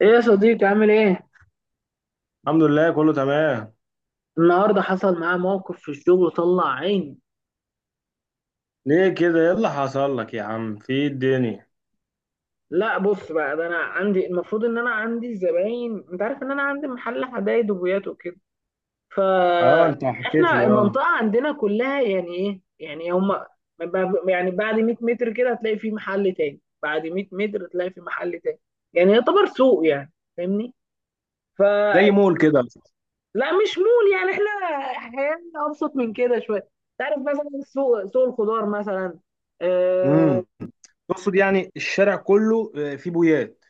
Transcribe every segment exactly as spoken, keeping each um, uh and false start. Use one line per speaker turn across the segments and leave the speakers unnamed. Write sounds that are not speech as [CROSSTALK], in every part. ايه يا صديقي عامل ايه؟
الحمد لله، كله تمام.
النهارده حصل معايا موقف في الشغل طلع عيني.
ليه كده؟ ايه اللي حصل لك يا عم؟ في إيه الدنيا؟
لا بص بقى، ده انا عندي، المفروض ان انا عندي زباين، انت عارف ان انا عندي محل حدايد وبويات وكده. ف
اه، انت حكيت
احنا
لي. اه،
المنطقه عندنا كلها يعني ايه، يعني هم يعني بعد مية متر كده هتلاقي في محل تاني، بعد مية متر هتلاقي في محل تاني، يعني يعتبر سوق يعني.
زي
فاهمني؟
مول كده.
لا مش مول، يعني احنا حياتنا ابسط من كده شويه. تعرف مثلا سوق سوق الخضار مثلا. اه،
امم تقصد يعني الشارع كله، آه، فيه بويات.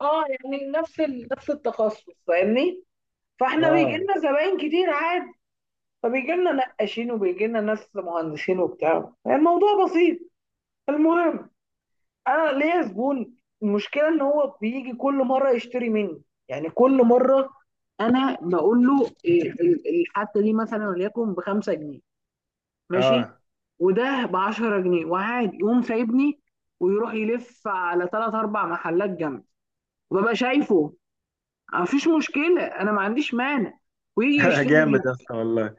آه، يعني نفس ال... نفس التخصص، فاهمني. فاحنا بيجي
اه.
لنا زباين كتير عادي، فبيجي لنا نقاشين وبيجي لنا ناس مهندسين وبتاع، يعني الموضوع بسيط. المهم، انا ليا زبون، المشكله ان هو بيجي كل مره يشتري مني، يعني كل مره انا بقول له إيه، ال- الحته دي مثلا وليكن بخمسة جنيه ماشي،
اه.
وده ب عشرة جنيه، وعادي يقوم سايبني ويروح يلف على ثلاث اربع محلات جنبي، وببقى شايفه. مفيش مشكله، انا ما عنديش مانع، ويجي
[LAUGHS]
يشتري
جامد
مني.
يا اسطى والله.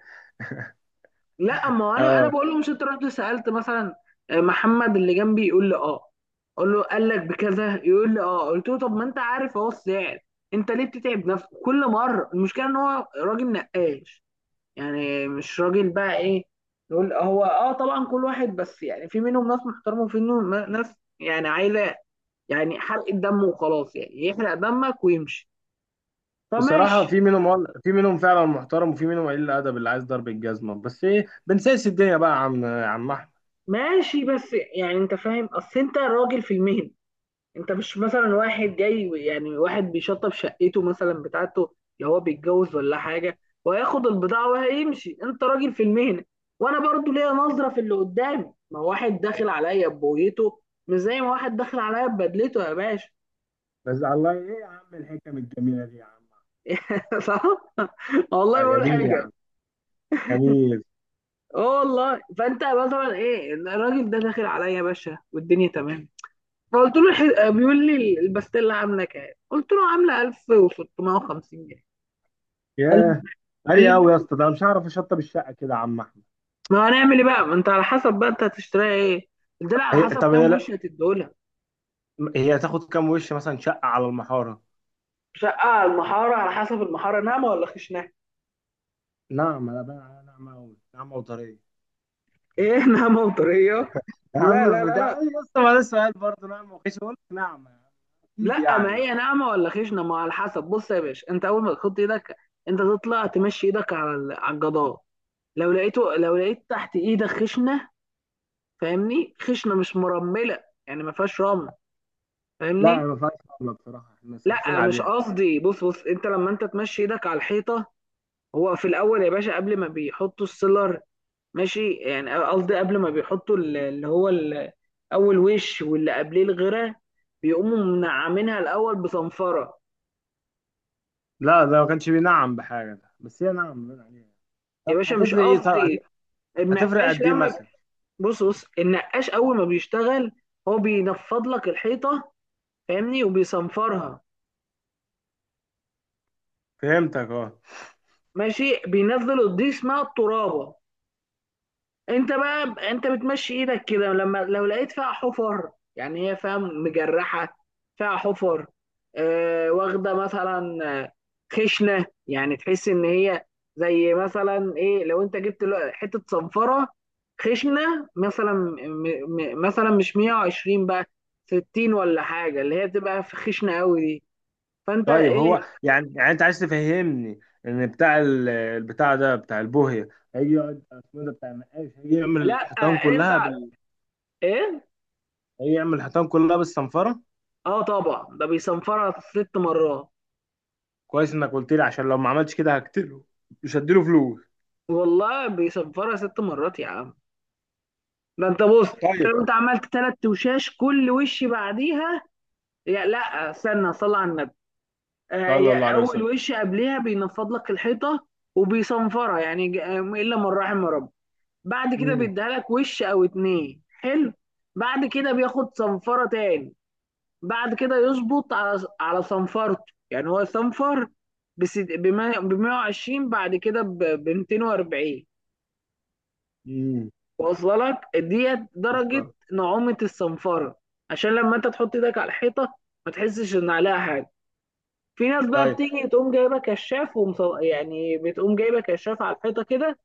لا ما هو انا انا
اه،
بقول لهم ست رحت سالت مثلا، آه، محمد اللي جنبي، يقول لي اه، اقول له قال لك بكذا؟ يقول لي اه، قلت له طب ما انت عارف اهو السعر، انت ليه بتتعب نفسك كل مره؟ المشكله ان هو راجل نقاش، يعني مش راجل بقى ايه، نقول هو اه طبعا كل واحد، بس يعني في منهم ناس محترمه وفي منهم ناس يعني عايزه يعني حرق الدم، وخلاص يعني يحرق دمك ويمشي.
بصراحة
فماشي.
في منهم وال- في منهم فعلا محترم، وفي منهم قليل الأدب اللي عايز ضرب الجزمة. بس ايه، بنسيس الدنيا بقى يا عم، يا عم أحمد.
ماشي بس يعني انت فاهم، اصل انت راجل في المهنه، انت مش مثلا واحد جاي، يعني واحد بيشطب شقته مثلا بتاعته لو هو بيتجوز ولا حاجه وهياخد البضاعه وهيمشي، انت راجل في المهنه. وانا برضو ليا نظره في اللي قدامي، ما هو واحد داخل عليا ببويته، مش زي ما واحد داخل عليا ببدلته يا باشا.
بس الله، ايه يا عم الحكم الجميلة دي يا عم.
[LAUGHS] صح. والله ما
آه
بقول
جميل يا
حاجه.
عم، جميل.
اه والله، فانت مثلا ايه، الراجل ده داخل عليا يا باشا والدنيا تمام، فقلت له الح- بيقول لي البستيلا عامله كام؟ قلت له عامله ألف وستمية وخمسين جنيه. قال
ياه. غالي قوي يا اسطى، ده أنا مش هعرف اشطب الشقة كده يا عم أحمد.
ما هنعمل ايه بقى، ما انت على حسب بقى انت هتشتريها ايه، الدلع على
هي
حسب
طب
كام
هي
وش هتديهولها.
هي تاخد كام وش مثلا شقة على المحارة؟
شقة على المحارة، على حسب المحارة ناعمة ولا خشنة.
نعمة، لا بقى نعمة أوي، نعمة وطرية.
[LAUGHS] ايه ناعمة وطرية؟
يا
لا
عم
لا
في
لا
بتاع،
لا
أيوة يا اسطى ما ده سؤال؟ برضه نعمة وخيش أقول لك، نعمة أكيد
لا ما
يعني.
هي ناعمة ولا خشنة، ما على حسب. بص يا باشا، انت اول ما تحط ايدك، انت تطلع تمشي ايدك على ال- على الجدار، لو لقيته، لو لقيت تحت ايدك خشنة، فاهمني، خشنة مش مرملة، يعني ما فيهاش رمل،
لا
فاهمني.
ما فيهاش، نعمة بصراحة احنا صارفين
لا مش
عليها.
قصدي، بص بص، انت لما انت تمشي ايدك على الحيطة، هو في الاول يا باشا قبل ما بيحطوا السيلر، ماشي، يعني قصدي قبل ما بيحطوا ال- اللي هو ال- اول وش واللي قبليه الغيره، بيقوموا منعمينها الاول بصنفره.
لا ده ما كانش بينعم بحاجة، ده بس هي نعمة بين عليها.
يا
طب
باشا مش
هتفرق إيه؟ طب
قصدي.
هت- هتفرق
النقاش
قد إيه
لما ب-
مثلا؟
بص بص النقاش اول ما بيشتغل، هو بينفض لك الحيطه، فاهمني، وبيصنفرها.
فهمتك أه.
ماشي، بينزل الضي اسمها الترابه، انت بقى، انت بتمشي ايدك كده، لما لو لقيت فيها حفر، يعني هي فاهم مجرحه، فيها حفر، آه واخده مثلا، آه، خشنه، يعني تحس ان هي زي مثلا ايه، لو انت جبت له- حته صنفره خشنه، مثلا م م مثلا مش مية وعشرين بقى، ستين ولا حاجه، اللي هي تبقى في خشنه قوي دي. فانت
طيب
ايه؟
هو يعني، يعني أنت عايز تفهمني إن بتاع ال- البتاع ده بتاع البوهية، هيجي يقعد اسمه إيه ده بتاع النقاش هيجي يعمل
لا
الحيطان
انت
كلها بال،
ايه،
هيجي يعمل الحيطان كلها بالصنفرة؟
اه طبعا ده بيصنفرها ست مرات.
كويس انك قلت لي، عشان لو ما عملتش كده هقتله، مش هديله فلوس.
والله بيصفرها ست مرات يا عم. ده انت بص، انت
طيب.
لو انت عملت ثلاث وشاش كل وش بعديها، يا لا استنى صلي على النبي. آه،
صلى الله
يا
عليه
اول
وسلم.
وش قبلها بينفض لك الحيطه وبيصنفرها، يعني ج- آه، الا من رحم ربي. بعد كده
امم
بيديها لك وش او اتنين حلو، بعد كده بياخد صنفره تاني، بعد كده يظبط على على صنفرته، يعني هو صنفر بس ب مية وعشرين، بعد كده ب ميتين واربعين،
امم
واصله لك ديت درجه نعومه الصنفره، عشان لما انت تحط ايدك على الحيطه ما تحسش ان عليها حاجه. في ناس بقى
طيب.
بتيجي تقوم جايبه كشاف ومصو... يعني بتقوم جايبه كشاف على الحيطه كده،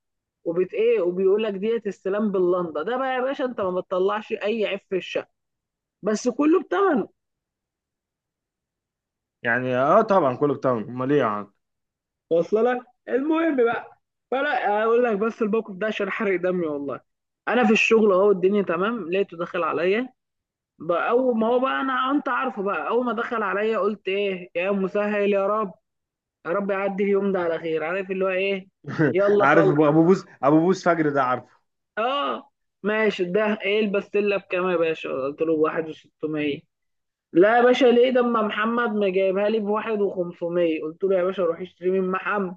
وبت ايه وبيقول لك ديت السلام باللنده. ده بقى يا باشا انت ما بتطلعش اي عيب في الشقه، بس كله بتمنه،
يعني اه طبعا كله بتاعه، امال ايه يا عم.
واصله لك. المهم بقى، فلا اقول لك بس الموقف ده عشان حرق دمي والله. انا في الشغل اهو الدنيا تمام، لقيته داخل عليا بقى، اول ما هو بقى، انا انت عارفه بقى، اول ما دخل عليا قلت ايه يا مسهل يا رب، يا رب يعدي اليوم ده على خير، عارف اللي هو ايه،
[LAUGHS]
يلا
عارف
خلص.
ابو، أبو بوس، ابو بوس فجر ده عارفه.
اه ماشي، ده ايه البستله بكام يا باشا؟ قلت له ب ألف وستمية. لا يا باشا ليه ده، اما محمد ما جايبها لي ب ألف وخمسمية. قلت له يا باشا روح اشتري من محمد.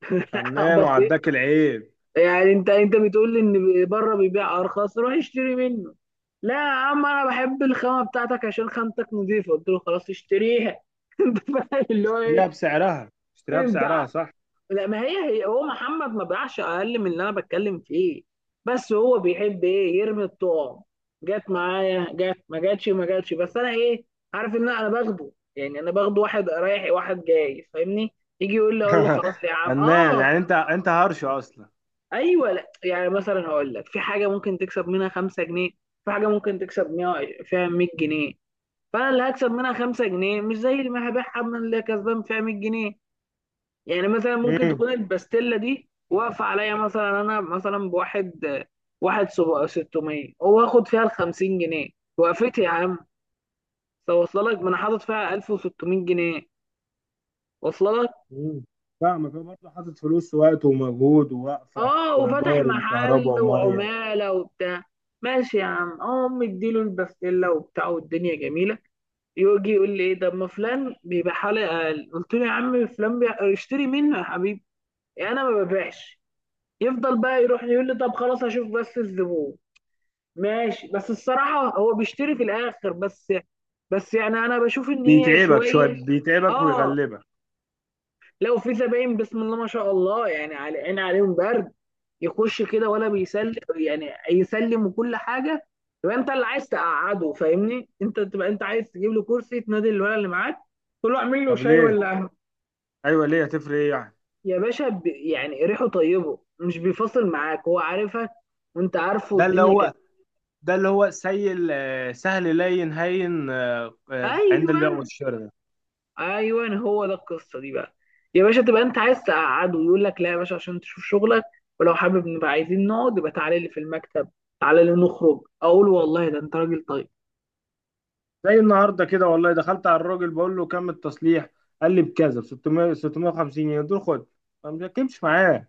[LAUGHS]
فنان،
بسيط،
وعداك العيب.
يعني انت انت بتقول لي ان بره بيبيع ارخص، روح اشتري منه. لا يا عم انا بحب الخامه بتاعتك عشان خامتك نظيفه. قلت له خلاص اشتريها. [LAUGHS] انت فاهم اللي هو
اشتريها
ايه؟
بسعرها، اشتريها
انت ع-
بسعرها، صح.
لا ما هي هي، هو محمد ما بيعش اقل من اللي انا بتكلم فيه، بس هو بيحب ايه، يرمي الطعم، جت معايا جت، ما جاتش ما جاتش بس انا ايه، عارف ان انا انا باخده، يعني انا باخده واحد رايح واحد جاي، فاهمني. يجي يقول لي، اقول له
[LAUGHS]
خلاص يا عم
فنان،
اه.
يعني انت، انت هرش اصلا.
ايوه، لا يعني مثلا هقول لك، في حاجه ممكن تكسب منها خمسة جنيه، في حاجه ممكن تكسب مية- فيها مية جنيه، فانا اللي هكسب منها خمسة جنيه مش زي اللي هبيعها من اللي كسبان فيها مية جنيه. يعني مثلا ممكن
امم
تكون الباستيلا دي واقفه عليا مثلا، انا مثلا بواحد، واحد سب- ستمية، واخد فيها ال خمسين جنيه، وقفت يا عم، ده واصله لك، ما انا حاطط فيها ألف وستمية جنيه، واصله.
امم فاهمك، هو برضه حاطط فلوس ووقت ومجهود ووقفه
اه وفتح
وايجار
محل
وكهرباء وميه.
وعمالة وبتاع. ماشي يا عم، اه مديله البسلة وبتاع والدنيا جميلة. يجي يقول لي ايه ده، ما فلان بيبقع حلقة اقل. قلت له يا عم فلان بيع- اشتري منه يا حبيبي، يعني انا ما ببيعش. يفضل بقى يروح، يقول لي طب خلاص اشوف، بس الزبون ماشي، بس الصراحة هو بيشتري في الاخر، بس بس يعني انا بشوف ان هي
بيتعبك
شوية.
شويه، بيتعبك
اه
ويغلبك.
لو في زباين بسم الله ما شاء الله، يعني على عين عليهم برد، يخش كده ولا بيسلم، يعني يسلم وكل حاجه، يبقى انت اللي عايز تقعده، فاهمني، انت تبقى انت عايز تجيب له كرسي، تنادي الولد اللي معاك، تقول له اعمل له
طب
شاي
ليه؟
ولا قهوه.
ايوه ليه؟ هتفرق ايه يعني؟
يا باشا ب... يعني ريحه طيبه، مش بيفاصل معاك، هو عارفك وانت عارفه
ده اللي
الدنيا كده.
هو، ده اللي هو سيل، آه، سهل لين هين، آه، آه، عند البيع
ايوه
والشراء ده.
ايوه هو ده القصه دي بقى. يا باشا تبقى انت عايز تقعده، يقول لك لا يا باشا عشان تشوف شغلك، ولو حابب نبقى عايزين نقعد يبقى تعالى لي في المكتب، تعالى لي نخرج، اقول والله ده انت راجل طيب.
زي النهارده كده والله، دخلت على الراجل بقول له كم التصليح، قال لي بكذا، ب ستمية ستمية وخمسين جنيه، دول خد. ما بتكلمش معاه.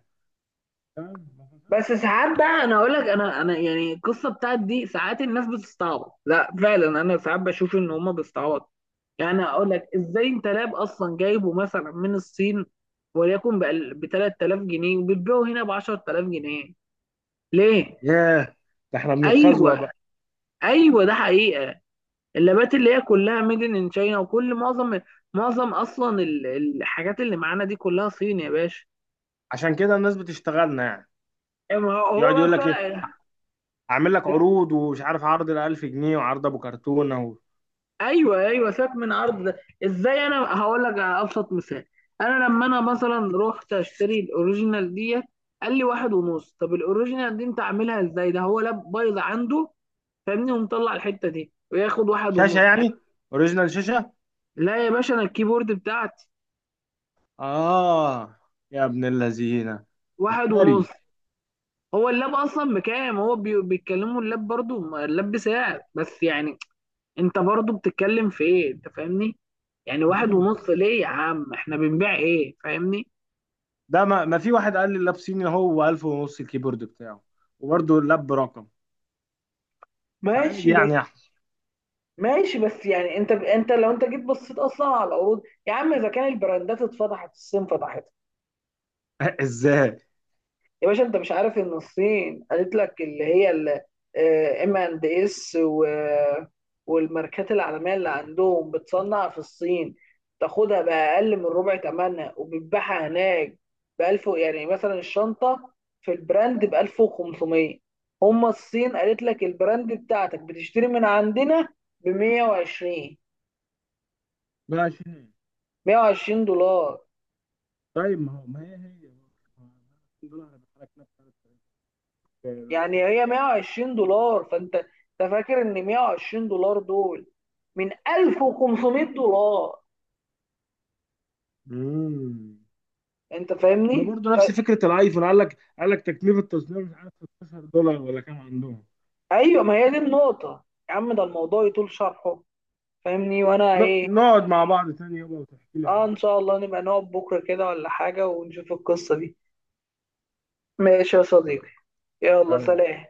تمام.
بس ساعات بقى انا اقول لك، انا انا يعني القصه بتاعت دي ساعات الناس بتستعبط، لا فعلا انا ساعات بشوف ان هما بيستعبطوا. يعني اقول لك ازاي، انت لاب اصلا جايبه مثلا من الصين وليكن ب تلاتة آلاف جنيه، وبتبيعه هنا ب عشرة آلاف جنيه، ليه؟
ياه. ده احنا بنتخزوق
ايوه،
بقى.
ايوه ده حقيقه، اللابات اللي هي كلها ميد ان تشاينا، وكل معظم معظم اصلا ال- الحاجات اللي معانا دي كلها صين يا باشا.
عشان كده الناس بتشتغلنا يعني.
أما هو هو
يقعد
بقى
يقول لك
بتوع.
ايه، اعمل لك عروض ومش عارف، عرض ال ألف جنيه وعرض ابو كرتونه اهو.
ايوه ايوه سيبك من عرض ده، ازاي، انا هقول لك على ابسط مثال. انا لما انا مثلا رحت اشتري الاوريجينال ديت، قال لي واحد ونص، طب الاوريجينال دي انت عاملها ازاي، ده هو لاب بايظ عنده، فاهمني، ومطلع الحته دي وياخد واحد
شاشه
ونص يعني.
يعني، اوريجينال شاشه.
لا يا باشا انا الكيبورد بتاعتي
اه. يا ابن اللذينه.
واحد ونص.
مفتري.
هو اللاب اصلا بكام، هو بي- بيتكلموا اللاب برضو، ما اللاب بسعر، بس يعني انت برضو بتتكلم في ايه، انت فاهمني، يعني واحد
صيني.
ونص ليه يا عم، احنا بنبيع ايه، فاهمني.
ده ما, ما في واحد قال لي اللاب صيني، هو ألف ونص الكيبورد بتاعه، وبرده اللاب برقم. فعادي
ماشي بس
يعني يا أحمد.
ماشي بس يعني انت انت لو انت جيت بصيت اصلا على العروض، يا عم اذا كان البراندات اتفضحت، الصين فتحت.
[LAUGHS] ازاي؟
يا باشا انت مش عارف ان الصين قالت لك اللي هي ام اند اس والماركات العالميه اللي عندهم بتصنع في الصين، تاخدها باقل من ربع ثمنها وبتبيعها هناك ب ألف، يعني مثلا الشنطه في البراند ب ألف وخمسمية، هم الصين قالت لك البراند بتاعتك بتشتري من عندنا ب مية وعشرين.
ب عشرين.
مية وعشرين دولار.
طيب ما هو، ما هي هي دولار بتحرك نفس الحاجة.
يعني هي مية وعشرين دولار، فانت انت فاكر ان مية وعشرين دولار دول من ألف وخمسمية دولار،
امم
انت
ما
فاهمني
برضه
ف...
نفس فكره الايفون، قال لك، قال لك تكلفه تصنيع مش عارف، ستاشر دولار ولا كام عندهم.
ايوه ما هي دي النقطه. يا عم ده الموضوع يطول شرحه، فاهمني، وانا
ن-
ايه.
نقعد مع بعض تاني يابا وتحكي لي
اه
عنه.
ان شاء الله نبقى نقعد بكره كده ولا حاجه ونشوف القصه دي. ماشي يا صديقي، يلا
تمام
سلام.